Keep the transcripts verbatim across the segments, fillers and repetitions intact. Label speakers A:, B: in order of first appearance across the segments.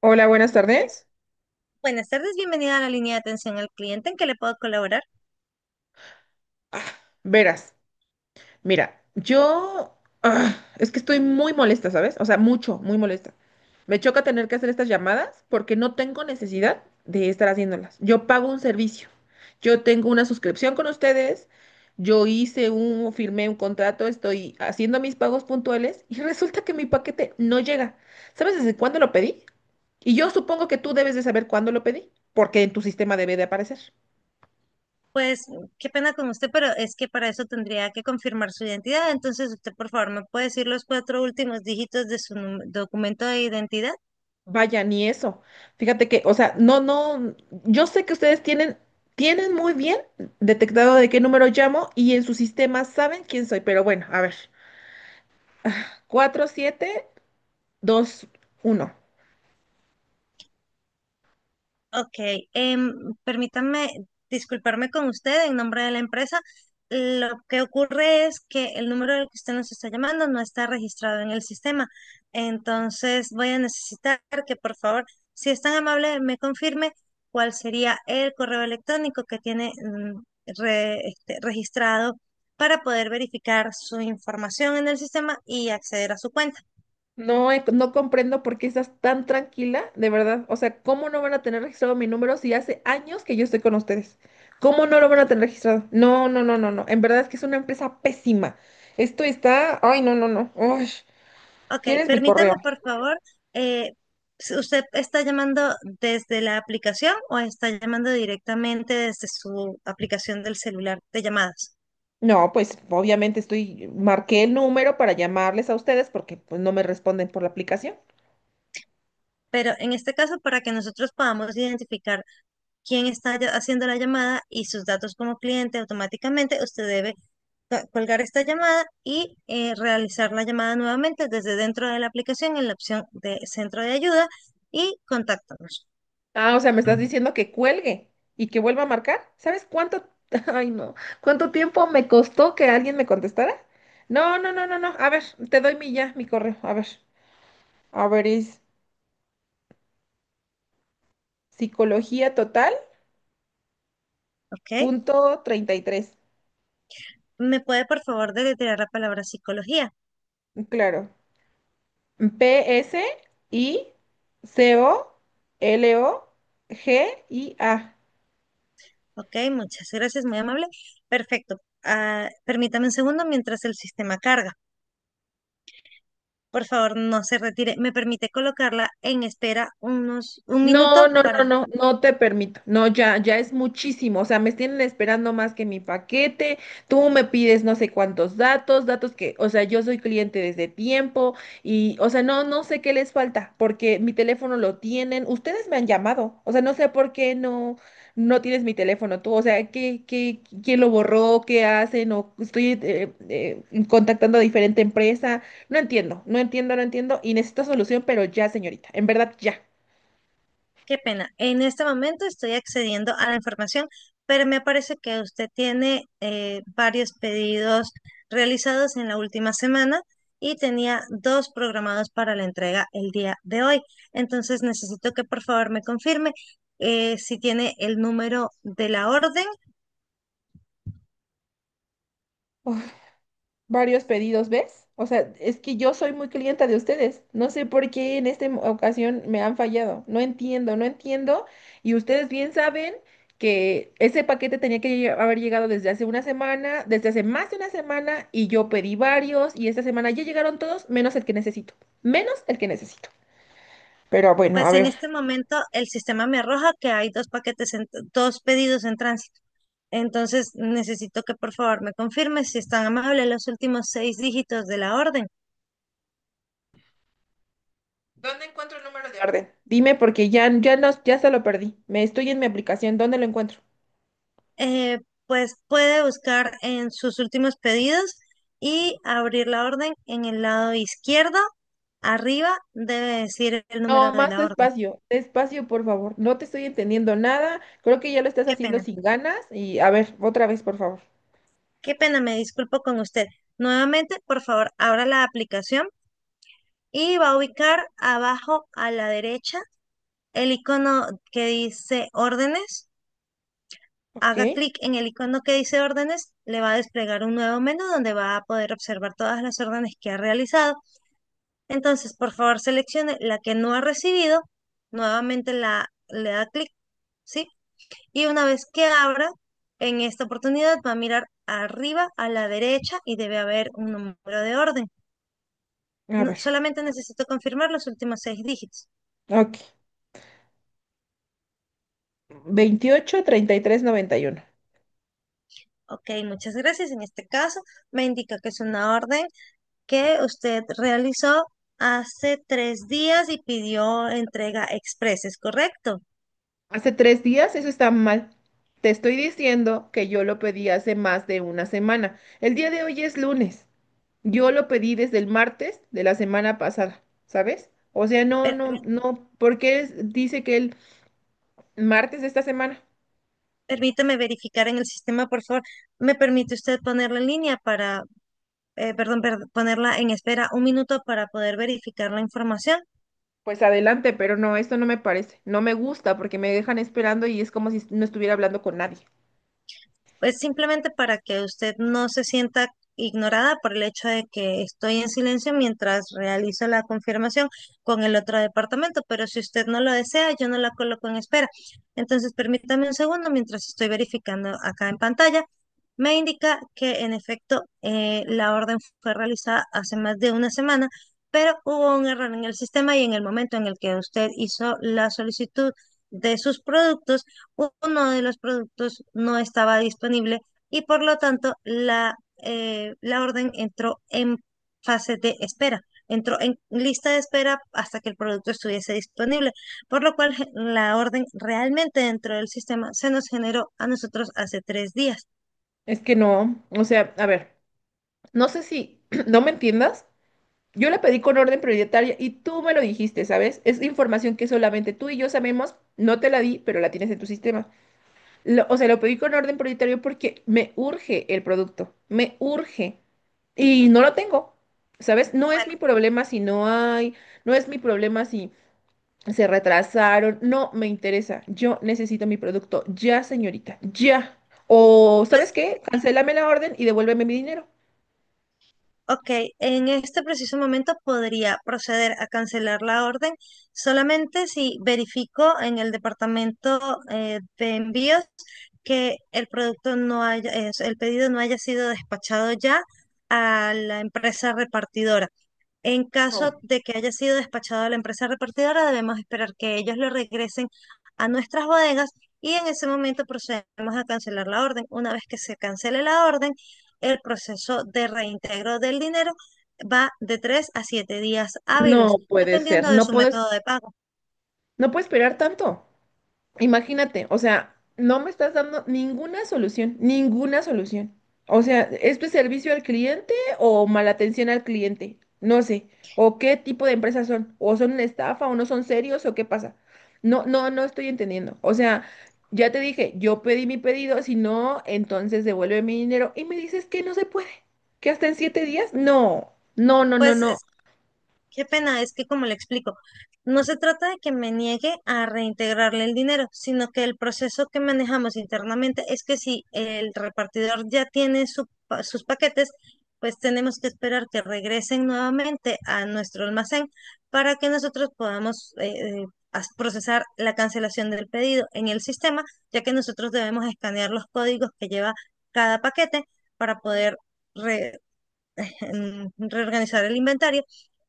A: Hola, buenas
B: Bueno,
A: tardes.
B: buenas tardes, bienvenida a la línea de atención al cliente. ¿En qué le puedo colaborar?
A: Ah, verás, mira, yo ah, es que estoy muy molesta, ¿sabes? O sea, mucho, muy molesta. Me choca tener que hacer estas llamadas porque no tengo necesidad de estar haciéndolas. Yo pago un servicio. Yo tengo una suscripción con ustedes. Yo hice un, firmé un contrato, estoy haciendo mis pagos puntuales y resulta que mi paquete no llega. ¿Sabes desde cuándo lo pedí? Y yo supongo que tú debes de saber cuándo lo pedí, porque en tu sistema debe de aparecer.
B: Pues qué pena con usted, pero es que para eso tendría que confirmar su identidad. Entonces, usted, por favor, ¿me puede decir los cuatro últimos dígitos de su num- documento de identidad?
A: Vaya, ni eso. Fíjate que, o sea, no, no, yo sé que ustedes tienen, tienen muy bien detectado de qué número llamo y en su sistema saben quién soy, pero bueno, a ver, cuatro siete dos uno.
B: Ok, em, permítanme disculparme con usted en nombre de la empresa. Lo que ocurre es que el número del que usted nos está llamando no está registrado en el sistema. Entonces voy a necesitar que por favor, si es tan amable, me confirme cuál sería el correo electrónico que tiene mm, re- este, registrado para poder verificar su información en el sistema y acceder a su cuenta.
A: No, he- no comprendo por qué estás tan tranquila, de verdad. O sea, ¿cómo no van a tener registrado mi número si hace años que yo estoy con ustedes? ¿Cómo no lo van a tener registrado? No, no, no, no, no. En verdad es que es una empresa pésima. Esto está, ay, no, no, no. Uy,
B: Ok,
A: ¿quieres mi correo?
B: permítame por favor, eh, si ¿usted está llamando desde la aplicación o está llamando directamente desde su aplicación del celular de llamadas?
A: No, pues obviamente estoy, marqué el número para llamarles a ustedes porque pues no me responden por la aplicación.
B: Pero en este caso, para que nosotros podamos identificar quién está ya- haciendo la llamada y sus datos como cliente automáticamente, usted debe ca- colgar esta llamada y eh, realizar la llamada nuevamente desde dentro de la aplicación en la opción de centro de ayuda y contáctanos,
A: Ah, o sea, me estás diciendo que cuelgue y que vuelva a marcar. ¿Sabes cuánto, ay no, cuánto tiempo me costó que alguien me contestara? No, no, no, no, no. A ver, te doy mi ya, mi correo. A ver, a ver, es psicología total
B: ¿ok?
A: punto treinta y tres.
B: ¿Me puede por favor deletrear la palabra psicología?
A: Claro. P S I C O L O G I A.
B: Ok, muchas gracias, muy amable. Perfecto. Ah, permítame un segundo mientras el sistema carga. Por favor, no se retire. ¿Me permite colocarla en espera unos un
A: No,
B: minuto
A: no, no,
B: para...
A: no, no te permito. No, ya, ya es muchísimo. O sea, me tienen esperando más que mi paquete. Tú me pides no sé cuántos datos, datos que, o sea, yo soy cliente desde tiempo y, o sea, no, no sé qué les falta porque mi teléfono lo tienen. Ustedes me han llamado. O sea, no sé por qué no, no tienes mi teléfono tú. O sea, ¿qué, qué, quién lo borró? ¿Qué hacen? O estoy eh, eh, contactando a diferente empresa. No entiendo, no entiendo, no entiendo y necesito solución, pero ya, señorita, en verdad, ya.
B: Qué pena. En este momento estoy accediendo a la información, pero me parece que usted tiene eh, varios pedidos realizados en la última semana y tenía dos programados para la entrega el día de hoy. Entonces necesito que por favor me confirme eh, si tiene el número de la orden.
A: Varios pedidos, ¿ves? O sea, es que yo soy muy clienta de ustedes. No sé por qué en esta ocasión me han fallado. No entiendo, no entiendo. Y ustedes bien saben que ese paquete tenía que lle- haber llegado desde hace una semana, desde hace más de una semana, y yo pedí varios, y esta semana ya llegaron todos, menos el que necesito. Menos el que necesito. Pero bueno, a
B: Pues en
A: ver.
B: este momento el sistema me arroja que hay dos paquetes, en- dos pedidos en tránsito. Entonces necesito que por favor me confirme si están amables los últimos seis dígitos de la orden.
A: ¿Dónde encuentro el número de orden? Dime porque ya, ya no, ya se lo perdí. Me estoy en mi aplicación. ¿Dónde lo encuentro?
B: Eh, pues puede buscar en sus últimos pedidos y abrir la orden en el lado izquierdo. Arriba debe decir el
A: No,
B: número de
A: más
B: la orden.
A: despacio, despacio, por favor. No te estoy entendiendo nada. Creo que ya lo estás
B: Qué
A: haciendo
B: pena,
A: sin ganas. Y a ver, otra vez, por favor.
B: qué pena, me disculpo con usted. Nuevamente, por favor, abra la aplicación y va a ubicar abajo a la derecha el icono que dice órdenes,
A: Ok,
B: haga clic en el icono que dice órdenes, le va a desplegar un nuevo menú donde va a poder observar todas las órdenes que ha realizado. Entonces, por favor, seleccione la que no ha recibido, nuevamente la, le da clic, ¿sí? Y una vez que abra, en esta oportunidad va a mirar arriba a la derecha y debe haber un número de orden.
A: a
B: No-
A: ver.
B: solamente necesito confirmar los últimos seis dígitos.
A: Ok. Veintiocho treinta y tres noventa y uno.
B: Ok, muchas gracias. En este caso, me indica que es una orden que usted realizó hace tres días y pidió entrega express, ¿es correcto?
A: Hace tres días, eso está mal. Te estoy diciendo que yo lo pedí hace más de una semana. El día de hoy es lunes. Yo lo pedí desde el martes de la semana pasada, ¿sabes? O sea, no, no,
B: Permí-
A: no. ¿Por qué es- dice que el martes de esta semana?
B: Permítame verificar en el sistema, por favor. ¿Me permite usted ponerla en línea para, eh, perdón, per- ponerla en espera un minuto para poder verificar la información?
A: Pues adelante, pero no, esto no me parece, no me gusta porque me dejan esperando y es como si no estuviera hablando con nadie.
B: Es simplemente para que usted no se sienta ignorada por el hecho de que estoy en silencio mientras realizo la confirmación con el otro departamento, pero si usted no lo desea, yo no la coloco en espera. Entonces, permítame un segundo mientras estoy verificando acá en pantalla. Me indica que en efecto eh, la orden fue realizada hace más de una semana, pero hubo un error en el sistema y en el momento en el que usted hizo la solicitud de sus productos, uno de los productos no estaba disponible y por lo tanto la, eh, la orden entró en fase de espera, entró en lista de espera hasta que el producto estuviese disponible, por lo cual ge- la orden realmente dentro del sistema se nos generó a nosotros hace tres días.
A: Es que no, o sea, a ver, no sé si no me entiendas. Yo la pedí con orden prioritaria y tú me lo dijiste, ¿sabes? Es información que solamente tú y yo sabemos, no te la di, pero la tienes en tu sistema. Lo- o sea, lo pedí con orden prioritario porque me urge el producto, me urge y no lo tengo, ¿sabes? No es
B: Bueno,
A: mi problema si no hay, no es mi problema si se retrasaron. No me interesa. Yo necesito mi producto ya, señorita. Ya. O, ¿sabes
B: pues,
A: qué? Cancélame la orden y devuélveme mi dinero.
B: ok, en este preciso momento podría proceder a cancelar la orden solamente si verifico en el departamento eh, de envíos que el producto no haya, es- el pedido no haya sido despachado ya a la empresa repartidora. En caso
A: No,
B: de que haya sido despachado a la empresa repartidora, debemos esperar que ellos lo regresen a nuestras bodegas y en ese momento procedemos a cancelar la orden. Una vez que se cancele la orden, el proceso de reintegro del dinero va de tres a siete días hábiles,
A: no puede ser.
B: dependiendo de
A: No
B: su
A: puedes,
B: método de pago.
A: no puedo esperar tanto. Imagínate, o sea, no me estás dando ninguna solución, ninguna solución. O sea, ¿esto es servicio al cliente o mala atención al cliente? No sé. ¿O qué tipo de empresas son? ¿O son una estafa o no son serios o qué pasa? No, no, no estoy entendiendo. O sea, ya te dije, yo pedí mi pedido, si no, entonces devuelve mi dinero y me dices que no se puede, que hasta en siete días. No, no, no, no,
B: Pues
A: no.
B: qué pena, es que como le explico, no se trata de que me niegue a reintegrarle el dinero, sino que el proceso que manejamos internamente es que si el repartidor ya tiene su pa- sus paquetes, pues tenemos que esperar que regresen nuevamente a nuestro almacén para que nosotros podamos eh, eh, as- procesar la cancelación del pedido en el sistema, ya que nosotros debemos escanear los códigos que lleva cada paquete para poder re en reorganizar el inventario.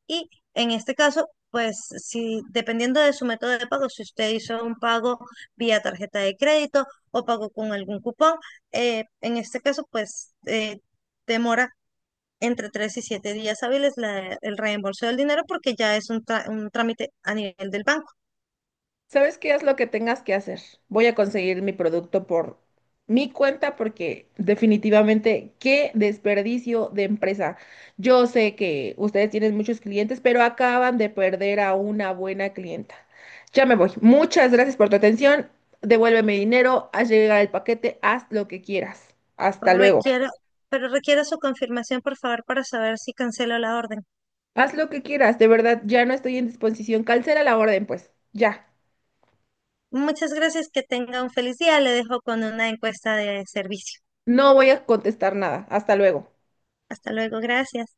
B: Y en este caso, pues si dependiendo de su método de pago, si usted hizo un pago vía tarjeta de crédito o pago con algún cupón, eh, en este caso, pues eh, demora entre tres y siete días hábiles la- el reembolso del dinero porque ya es un, tra- un trámite a nivel del banco.
A: ¿Sabes qué? Haz lo que tengas que hacer. Voy a conseguir mi producto por mi cuenta porque definitivamente qué desperdicio de empresa. Yo sé que ustedes tienen muchos clientes, pero acaban de perder a una buena clienta. Ya me voy. Muchas gracias por tu atención. Devuélveme dinero, haz llegar el paquete, haz lo que quieras. Hasta luego.
B: Requiero, pero requiero su confirmación, por favor, para saber si cancelo la orden.
A: Haz lo que quieras, de verdad, ya no estoy en disposición. Cancela la orden, pues. Ya.
B: Muchas gracias, que tenga un feliz día. Le dejo con una encuesta de servicio.
A: No voy a contestar nada. Hasta luego.
B: Hasta luego, gracias.